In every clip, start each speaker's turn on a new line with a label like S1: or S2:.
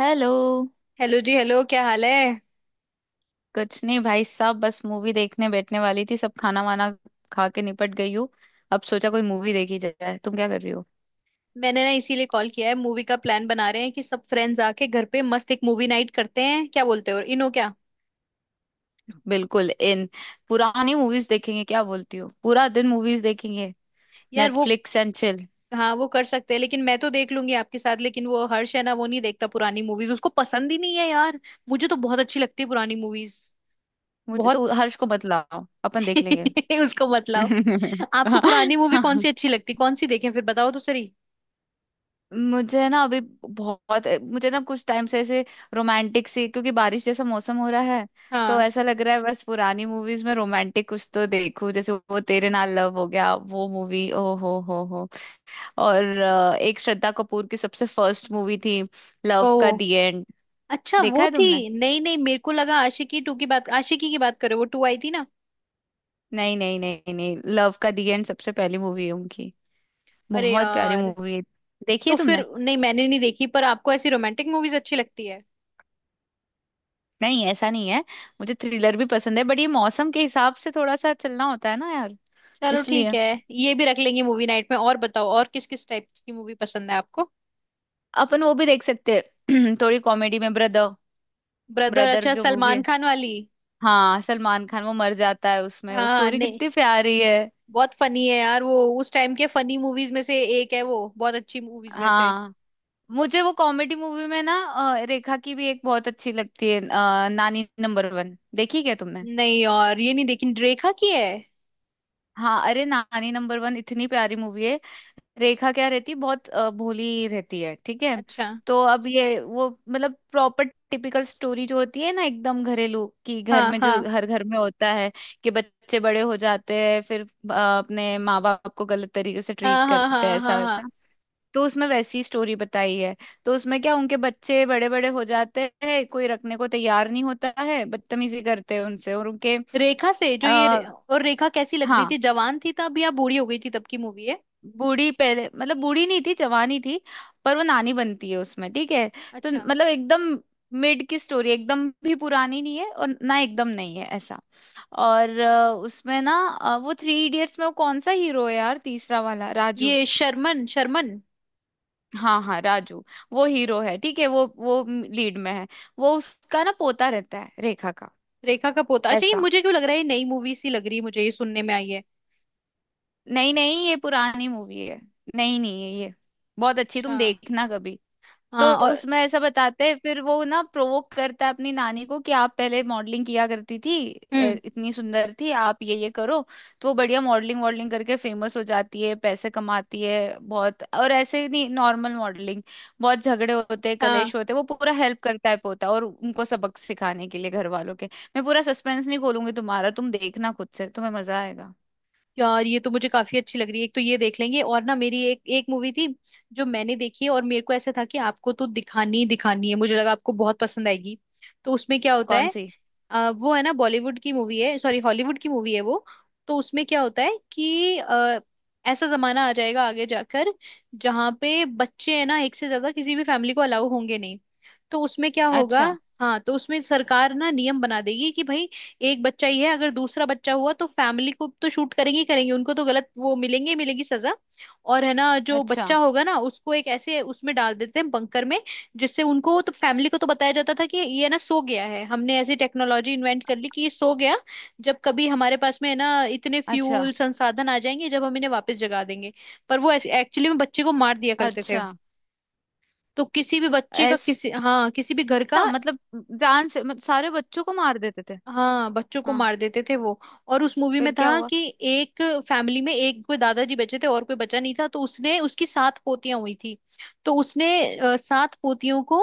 S1: Hello.
S2: Hello जी। Hello, क्या हाल है।
S1: कुछ नहीं भाई साहब, बस मूवी देखने बैठने वाली थी, सब खाना वाना खा के निपट गई हूँ। अब सोचा कोई मूवी देखी जाए, तुम क्या कर रही हो?
S2: मैंने ना इसीलिए कॉल किया है, मूवी का प्लान बना रहे हैं कि सब फ्रेंड्स आके घर पे मस्त एक मूवी नाइट करते हैं। क्या बोलते हो? और इनो क्या?
S1: बिल्कुल इन। पुरानी मूवीज देखेंगे, क्या बोलती हो? पूरा दिन मूवीज देखेंगे।
S2: यार वो
S1: नेटफ्लिक्स एंड चिल।
S2: हाँ, वो कर सकते हैं, लेकिन मैं तो देख लूंगी आपके साथ, लेकिन वो हर्ष है ना, वो नहीं देखता पुरानी मूवीज, उसको पसंद ही नहीं है यार। मुझे तो बहुत अच्छी लगती है पुरानी मूवीज।
S1: मुझे
S2: बहुत।
S1: तो, हर्ष को बतलाओ, अपन देख लेंगे।
S2: उसको मत लाओ। आपको पुरानी मूवी कौन सी अच्छी लगती, कौन सी देखें, फिर बताओ तो सही।
S1: मुझे ना अभी, बहुत। मुझे ना कुछ टाइम से ऐसे रोमांटिक सी, क्योंकि बारिश जैसा मौसम हो रहा है। तो
S2: हाँ।
S1: ऐसा लग रहा है बस पुरानी मूवीज में रोमांटिक कुछ तो देखूं, जैसे वो तेरे नाल लव हो गया, वो मूवी, ओ हो हो। और एक श्रद्धा कपूर की सबसे फर्स्ट मूवी थी, लव
S2: ओ,
S1: का दी एंड।
S2: अच्छा
S1: देखा
S2: वो
S1: है
S2: थी।
S1: तुमने?
S2: नहीं नहीं, मेरे को लगा आशिकी टू की बात, आशिकी की बात करो, वो टू आई थी ना।
S1: नहीं नहीं नहीं नहीं, लव का दी एंड सबसे पहली मूवी है उनकी।
S2: अरे
S1: बहुत प्यारी
S2: यार,
S1: मूवी है। देखी
S2: तो
S1: है
S2: फिर
S1: तुमने?
S2: नहीं, मैंने नहीं देखी। पर आपको ऐसी रोमांटिक मूवीज अच्छी लगती है?
S1: नहीं ऐसा नहीं है। मुझे थ्रिलर भी पसंद है, बट ये मौसम के हिसाब से थोड़ा सा चलना होता है ना यार,
S2: चलो ठीक
S1: इसलिए।
S2: है, ये भी रख लेंगे मूवी नाइट में। और बताओ, और किस किस टाइप की मूवी पसंद है आपको?
S1: अपन वो भी देख सकते हैं। थोड़ी कॉमेडी में, ब्रदर।
S2: ब्रदर?
S1: ब्रदर
S2: अच्छा,
S1: जो मूवी है,
S2: सलमान खान वाली।
S1: हाँ सलमान खान, वो मर जाता है उसमें, वो
S2: हाँ
S1: स्टोरी
S2: नहीं,
S1: कितनी प्यारी है।
S2: बहुत फनी है यार वो, उस टाइम के फनी मूवीज में से एक है वो, बहुत अच्छी मूवीज में से।
S1: हाँ। मुझे वो कॉमेडी मूवी में ना रेखा की भी एक बहुत अच्छी लगती है, नानी नंबर वन देखी क्या तुमने?
S2: नहीं, और ये नहीं देखी, रेखा की है?
S1: हाँ, अरे नानी नंबर वन इतनी प्यारी मूवी है। रेखा क्या रहती है, बहुत भोली रहती है, ठीक है।
S2: अच्छा।
S1: तो अब ये वो मतलब प्रॉपर टिपिकल स्टोरी जो होती है ना, एकदम घरेलू, कि घर
S2: हाँ
S1: में, जो
S2: हाँ
S1: हर घर में होता है, कि बच्चे बड़े हो जाते हैं, फिर अपने माँ बाप को गलत तरीके से ट्रीट
S2: हाँ हाँ
S1: करते हैं
S2: हाँ।
S1: ऐसा
S2: हाँ
S1: वैसा।
S2: हाँ।
S1: तो उसमें वैसी स्टोरी बताई है। तो उसमें क्या, उनके बच्चे बड़े बड़े हो जाते हैं, कोई रखने को तैयार नहीं होता है, बदतमीजी करते हैं उनसे और उनके।
S2: रेखा से जो
S1: आ,
S2: ये, और रेखा कैसी लग रही
S1: हाँ,
S2: थी, जवान थी तब या बूढ़ी हो गई थी तब की मूवी है?
S1: बूढ़ी पहले, मतलब बूढ़ी नहीं थी, जवानी थी, पर वो नानी बनती है उसमें, ठीक है। तो
S2: अच्छा।
S1: मतलब एकदम मिड की स्टोरी, एकदम भी पुरानी नहीं है और ना एकदम नहीं है ऐसा। और उसमें ना वो थ्री इडियट्स में, वो कौन सा हीरो है यार, तीसरा वाला, राजू।
S2: ये शर्मन शर्मन।
S1: हाँ हाँ, राजू। वो हीरो है, ठीक है, वो लीड में है। वो उसका ना पोता रहता है, रेखा का।
S2: रेखा का पोता? अच्छा, ये
S1: ऐसा।
S2: मुझे क्यों लग रहा है ये नई मूवी सी लग रही है, मुझे ये सुनने में आई है।
S1: नहीं नहीं, ये पुरानी मूवी है। नहीं, नहीं है ये। बहुत अच्छी,
S2: अच्छा।
S1: तुम देखना कभी। तो
S2: हाँ और?
S1: उसमें ऐसा बताते हैं, फिर वो ना प्रोवोक करता है अपनी नानी को, कि आप पहले मॉडलिंग किया करती थी,
S2: हम्म।
S1: इतनी सुंदर थी आप, ये करो। तो वो बढ़िया मॉडलिंग वॉडलिंग करके फेमस हो जाती है, पैसे कमाती है बहुत, और ऐसे ही नहीं, नॉर्मल मॉडलिंग। बहुत झगड़े होते हैं,
S2: हाँ।
S1: कलेश होते हैं, वो पूरा हेल्प करता है पोता, और उनको सबक सिखाने के लिए घर वालों के। मैं पूरा सस्पेंस नहीं खोलूंगी तुम्हारा, तुम देखना खुद से, तुम्हें मजा आएगा।
S2: यार ये तो मुझे काफी अच्छी लग रही है, एक तो ये देख लेंगे। और ना, मेरी एक एक मूवी थी जो मैंने देखी है, और मेरे को ऐसा था कि आपको तो दिखानी ही दिखानी है, मुझे लगा आपको बहुत पसंद आएगी। तो उसमें क्या होता
S1: कौन
S2: है,
S1: सी?
S2: वो है ना, बॉलीवुड की मूवी है, सॉरी हॉलीवुड की मूवी है वो। तो उसमें क्या होता है कि ऐसा जमाना आ जाएगा आगे जाकर, जहाँ पे बच्चे है ना, एक से ज्यादा किसी भी फैमिली को अलाउ होंगे नहीं। तो उसमें क्या होगा,
S1: अच्छा।
S2: हाँ, तो उसमें सरकार ना नियम बना देगी कि भाई, एक बच्चा ही है, अगर दूसरा बच्चा हुआ तो फैमिली को तो शूट करेंगे ही करेंगे, उनको तो गलत वो मिलेंगे ही, मिलेगी सजा। और है ना जो
S1: अच्छा।
S2: बच्चा होगा ना, उसको एक ऐसे उसमें डाल देते हैं बंकर में, जिससे उनको तो फैमिली को तो बताया जाता था कि ये ना सो गया है, हमने ऐसी टेक्नोलॉजी इन्वेंट कर ली कि ये सो गया, जब कभी हमारे पास में है ना इतने
S1: अच्छा।
S2: फ्यूल संसाधन आ जाएंगे, जब हम इन्हें वापस जगा देंगे। पर वो एक्चुअली में बच्चे को मार दिया करते थे।
S1: अच्छा।
S2: तो किसी भी बच्चे का, किसी हाँ, किसी भी घर का।
S1: था मतलब, जान से, मतलब सारे बच्चों को मार देते थे?
S2: हाँ, बच्चों को
S1: हाँ।
S2: मार देते थे वो। और उस मूवी में
S1: फिर क्या
S2: था
S1: हुआ?
S2: कि एक फैमिली में एक कोई दादाजी बचे थे और कोई बचा नहीं था, तो उसने उसकी 7 पोतियां हुई थी, तो उसने 7 पोतियों को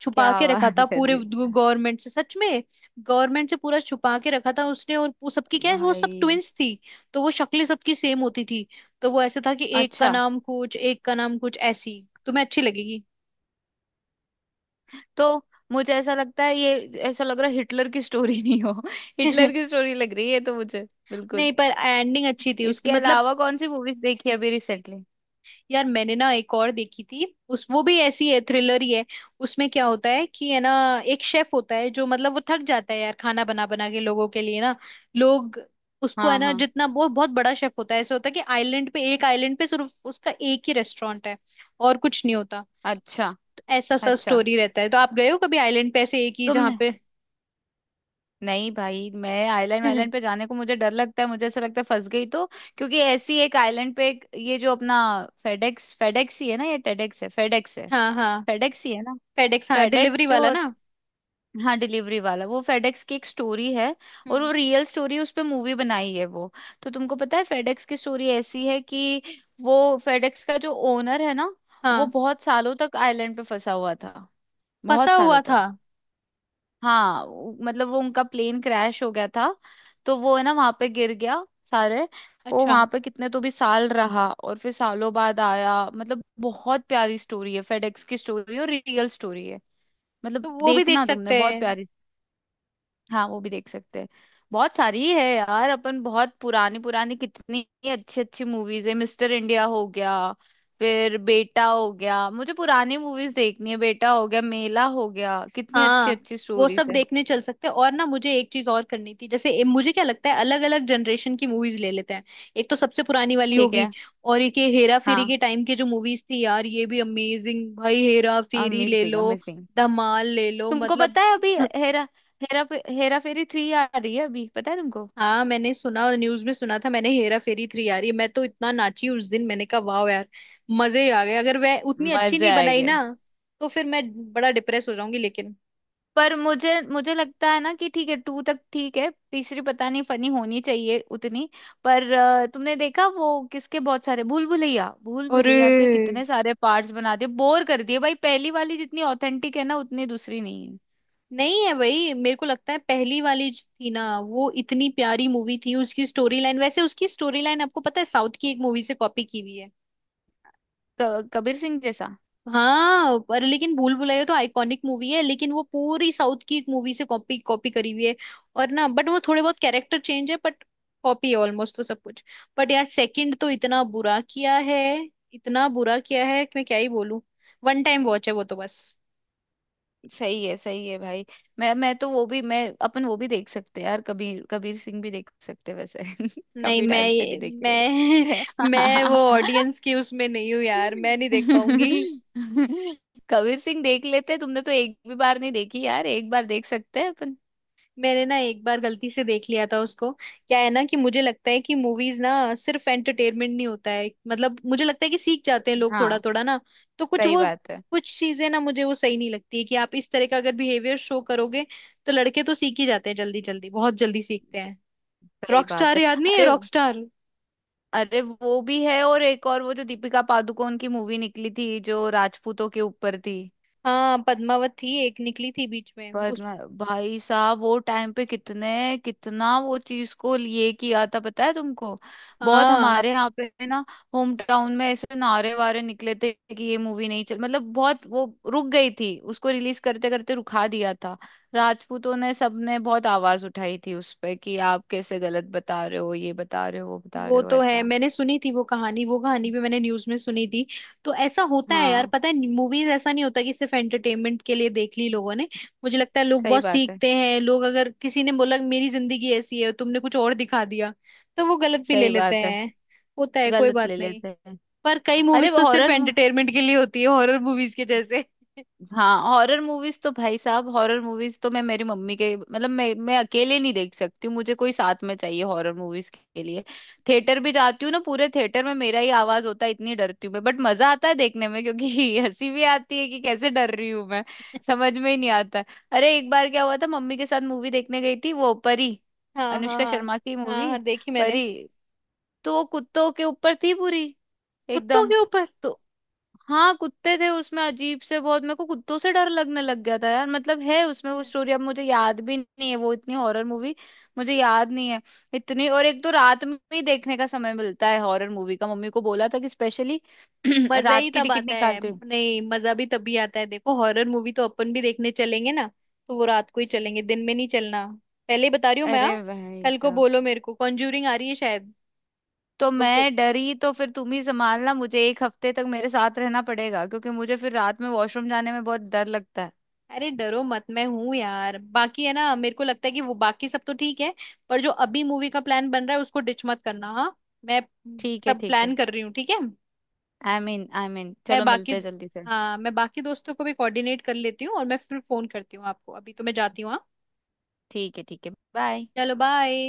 S2: छुपा
S1: क्या
S2: के रखा
S1: बात
S2: था
S1: कर
S2: पूरे
S1: रही
S2: गवर्नमेंट से, सच में। गवर्नमेंट से पूरा छुपा के रखा था उसने, और वो सबकी
S1: हो?
S2: क्या है, वो सब
S1: भाई।
S2: ट्विंस थी, तो वो शक्लें सबकी सेम होती थी। तो वो ऐसे था कि एक का
S1: अच्छा।
S2: नाम कुछ, एक का नाम कुछ। ऐसी तुम्हें अच्छी लगेगी।
S1: तो मुझे ऐसा लगता है, ये ऐसा लग रहा है हिटलर की स्टोरी, नहीं हो? हिटलर की स्टोरी लग रही है तो मुझे, बिल्कुल।
S2: नहीं, पर एंडिंग अच्छी थी उसकी
S1: इसके
S2: मतलब।
S1: अलावा कौन सी मूवीज देखी अभी रिसेंटली?
S2: यार मैंने ना एक और देखी थी उस, वो भी ऐसी है, थ्रिलर ही है। उसमें क्या होता है कि है ना, एक शेफ होता है, जो मतलब वो थक जाता है यार, खाना बना बना के लोगों के लिए ना। लोग उसको है
S1: हाँ
S2: ना,
S1: हाँ।
S2: जितना वो बहुत बड़ा शेफ होता है, ऐसा होता है कि आइलैंड पे, एक आइलैंड पे सिर्फ उसका एक ही रेस्टोरेंट है और कुछ नहीं होता।
S1: अच्छा।
S2: तो ऐसा सा
S1: अच्छा।
S2: स्टोरी रहता है। तो आप गए हो कभी आइलैंड पे, ऐसे एक ही जहाँ
S1: तुमने?
S2: पे?
S1: नहीं भाई, मैं आइलैंड वाइलैंड पे जाने को, मुझे डर लगता है, मुझे ऐसा लगता है फंस गई तो। क्योंकि ऐसी एक आइलैंड पे ये जो अपना फेडेक्स, फेडेक्स ही है ना, ये टेडेक्स है, फेडेक्स है,
S2: हाँ हाँ।
S1: फेडेक्स ही है ना,
S2: फेडेक्स, हाँ,
S1: फेडेक्स
S2: डिलीवरी
S1: जो
S2: वाला
S1: हो-
S2: ना।
S1: हाँ डिलीवरी वाला, वो फेडेक्स की एक स्टोरी है। और
S2: हम्म।
S1: वो रियल स्टोरी, उस पे मूवी बनाई है वो। तो तुमको पता है, फेडेक्स की स्टोरी ऐसी है कि वो, फेडेक्स का जो ओनर है ना, वो
S2: हाँ,
S1: बहुत सालों तक आइलैंड पे फंसा हुआ था,
S2: फंसा
S1: बहुत सालों
S2: हुआ
S1: तक।
S2: था?
S1: हाँ मतलब वो, उनका प्लेन क्रैश हो गया था, तो वो है ना, वहां पे गिर गया सारे। वो
S2: अच्छा।
S1: वहां पे कितने तो भी साल रहा, और फिर सालों बाद आया, मतलब बहुत प्यारी स्टोरी है फेडेक्स की स्टोरी, और रियल स्टोरी है, मतलब
S2: तो वो भी देख
S1: देखना, तुमने,
S2: सकते
S1: बहुत
S2: हैं।
S1: प्यारी। हाँ, वो भी देख सकते हैं। बहुत सारी है यार अपन, बहुत पुरानी पुरानी, कितनी अच्छी अच्छी मूवीज है, मिस्टर इंडिया हो गया, फिर बेटा हो गया, मुझे पुरानी मूवीज देखनी है, बेटा हो गया, मेला हो गया, कितनी अच्छी
S2: हाँ
S1: अच्छी
S2: वो
S1: स्टोरीज
S2: सब
S1: है।
S2: देखने चल सकते हैं। और ना मुझे एक चीज और करनी थी, जैसे ए- मुझे क्या लगता है, अलग अलग जनरेशन की मूवीज ले लेते हैं, एक तो सबसे पुरानी वाली
S1: ठीक
S2: होगी,
S1: है।
S2: और एक ये हेरा फेरी
S1: हाँ,
S2: के टाइम की जो मूवीज थी यार, ये भी अमेजिंग भाई, हेरा फेरी ले
S1: अमेजिंग
S2: लो,
S1: अमेजिंग।
S2: धमाल ले लो,
S1: तुमको
S2: मतलब।
S1: पता है अभी हेरा हेरा हेरा फेरी थ्री आ रही है अभी, पता है तुमको?
S2: हाँ मैंने सुना, न्यूज में सुना था मैंने, हेरा फेरी 3। यार ये मैं तो इतना नाची उस दिन, मैंने कहा वाह यार, मजे ही आ गए। अगर वह उतनी अच्छी
S1: मजे
S2: नहीं बनाई
S1: आएंगे।
S2: ना, तो फिर मैं बड़ा डिप्रेस हो जाऊंगी लेकिन।
S1: पर मुझे मुझे लगता है ना कि, ठीक है टू तक, ठीक है, तीसरी पता नहीं फनी होनी चाहिए उतनी। पर तुमने देखा वो किसके, बहुत सारे भूल भुलैया, भूल
S2: अरे
S1: भुलैया के कितने सारे पार्ट्स बना दिए, बोर कर दिए भाई, पहली वाली जितनी ऑथेंटिक है ना, उतनी दूसरी नहीं है।
S2: नहीं है भाई, मेरे को लगता है पहली वाली जो थी ना, वो इतनी प्यारी मूवी थी, उसकी स्टोरी लाइन, वैसे उसकी स्टोरी लाइन आपको पता है साउथ की एक मूवी से कॉपी की हुई है।
S1: कबीर सिंह जैसा।
S2: हाँ, पर लेकिन भूल भुलैया तो आइकॉनिक मूवी है, लेकिन वो पूरी साउथ की एक मूवी से कॉपी कॉपी करी हुई है। और ना, बट वो थोड़े बहुत कैरेक्टर चेंज है, बट कॉपी है ऑलमोस्ट तो सब कुछ। बट यार सेकंड तो इतना बुरा किया है, इतना बुरा किया है कि मैं क्या ही बोलूं, वन टाइम वॉच है वो तो बस।
S1: सही है भाई। मैं तो वो भी, मैं, अपन वो भी देख सकते हैं यार, कबीर कबीर सिंह भी देख सकते हैं वैसे।
S2: नहीं
S1: काफी
S2: मैं
S1: टाइम से
S2: ये,
S1: नहीं देखे।
S2: मैं मैं वो ऑडियंस की उसमें नहीं हूँ यार, मैं नहीं देख पाऊंगी।
S1: कबीर सिंह देख लेते, तुमने तो एक भी बार नहीं देखी यार, एक बार देख सकते हैं अपन।
S2: मैंने ना एक बार गलती से देख लिया था उसको। क्या है ना कि मुझे लगता है कि मूवीज ना सिर्फ एंटरटेनमेंट नहीं होता है, मतलब मुझे लगता है कि सीख जाते हैं लोग थोड़ा
S1: हाँ
S2: थोड़ा ना। तो कुछ
S1: सही
S2: वो,
S1: बात है
S2: कुछ चीजें ना मुझे वो सही नहीं लगती है कि आप इस तरह का अगर बिहेवियर शो करोगे, तो लड़के तो सीख ही जाते हैं जल्दी जल्दी, बहुत जल्दी सीखते हैं।
S1: सही बात
S2: रॉकस्टार
S1: है।
S2: याद नहीं है,
S1: अरे,
S2: रॉकस्टार।
S1: अरे वो भी है, और एक और वो जो दीपिका पादुकोण की मूवी निकली थी जो राजपूतों के ऊपर थी।
S2: हाँ पद्मावत थी, एक निकली थी बीच में
S1: पर
S2: उस।
S1: ना- भाई साहब, वो टाइम पे कितने, कितना वो चीज को लिए किया था, पता है तुमको? बहुत
S2: हाँ
S1: हमारे यहाँ पे ना, होम टाउन में ऐसे नारे वारे निकले थे कि ये मूवी नहीं चल, मतलब बहुत वो, रुक गई थी, उसको रिलीज करते करते रुखा दिया था। राजपूतों ने, सबने बहुत आवाज उठाई थी उस पे, कि आप कैसे गलत बता रहे हो, ये बता रहे हो, वो बता
S2: वो
S1: रहे हो
S2: तो है,
S1: ऐसा।
S2: मैंने सुनी थी वो कहानी, वो कहानी भी मैंने न्यूज में सुनी थी। तो ऐसा होता है यार,
S1: हाँ
S2: पता है मूवीज ऐसा नहीं होता कि सिर्फ एंटरटेनमेंट के लिए देख ली लोगों ने। मुझे लगता है लोग
S1: सही
S2: बहुत
S1: बात है
S2: सीखते हैं, लोग अगर किसी ने बोला मेरी जिंदगी ऐसी है, तुमने कुछ और दिखा दिया, तो वो गलत भी ले
S1: सही
S2: लेते
S1: बात है,
S2: हैं। होता है कोई
S1: गलत
S2: बात
S1: ले
S2: नहीं।
S1: लेते हैं।
S2: पर कई
S1: अरे
S2: मूवीज
S1: वो
S2: तो सिर्फ
S1: हॉरर,
S2: एंटरटेनमेंट के लिए होती है, हॉरर मूवीज के जैसे।
S1: हाँ, हॉरर मूवीज तो भाई साहब, हॉरर मूवीज तो मैं मेरी मम्मी के, मतलब मैं अकेले नहीं देख सकती हूँ, मुझे कोई साथ में चाहिए हॉरर मूवीज के लिए। थिएटर भी जाती हूँ ना, पूरे थिएटर में मेरा ही आवाज होता है, इतनी डरती हूँ मैं, बट मजा आता है देखने में, क्योंकि हंसी भी आती है कि कैसे डर रही हूँ मैं, समझ में ही नहीं आता है। अरे एक बार क्या हुआ था, मम्मी के साथ मूवी देखने गई थी वो परी,
S2: हाँ हाँ
S1: अनुष्का
S2: हाँ
S1: शर्मा की
S2: हाँ
S1: मूवी
S2: हाँ, देखी मैंने।
S1: परी। तो वो कुत्तों के ऊपर थी पूरी
S2: कुत्तों
S1: एकदम।
S2: के ऊपर?
S1: तो हाँ, कुत्ते थे उसमें अजीब से बहुत, मेरे को कुत्तों से डर लगने लग गया था यार, मतलब है उसमें, वो स्टोरी अब मुझे याद भी नहीं है, वो इतनी हॉरर मूवी, मुझे याद नहीं है इतनी। और एक तो रात में ही देखने का समय मिलता है हॉरर मूवी का, मम्मी को बोला था कि स्पेशली
S2: मजा ही
S1: रात की
S2: तब
S1: टिकट
S2: आता है,
S1: निकालते हो।
S2: नहीं मजा भी तभी आता है, देखो हॉरर मूवी तो अपन भी देखने चलेंगे ना, तो वो रात को ही चलेंगे, दिन में नहीं चलना, पहले ही बता रही हूँ मैं,
S1: अरे
S2: हाँ।
S1: भाई
S2: कल को
S1: साहब,
S2: बोलो मेरे को कॉन्ज्यूरिंग आ रही है शायद।
S1: तो
S2: तो फिर
S1: मैं डरी तो फिर तुम ही संभालना मुझे, एक हफ्ते तक मेरे साथ रहना पड़ेगा, क्योंकि मुझे फिर रात में वॉशरूम जाने में बहुत डर लगता है।
S2: अरे डरो मत, मैं हूं यार। बाकी है ना, मेरे को लगता है कि वो बाकी सब तो ठीक है, पर जो अभी मूवी का प्लान बन रहा है उसको डिच मत करना हाँ। मैं
S1: ठीक है
S2: सब
S1: ठीक
S2: प्लान
S1: है।
S2: कर रही हूँ, ठीक है।
S1: आई मीन
S2: मैं
S1: चलो
S2: बाकी,
S1: मिलते हैं जल्दी से।
S2: हाँ मैं बाकी दोस्तों को भी कोऑर्डिनेट कर लेती हूँ, और मैं फिर फोन करती हूँ आपको। अभी तो मैं जाती हूँ, हाँ,
S1: ठीक है ठीक है, बाय।
S2: चलो बाय।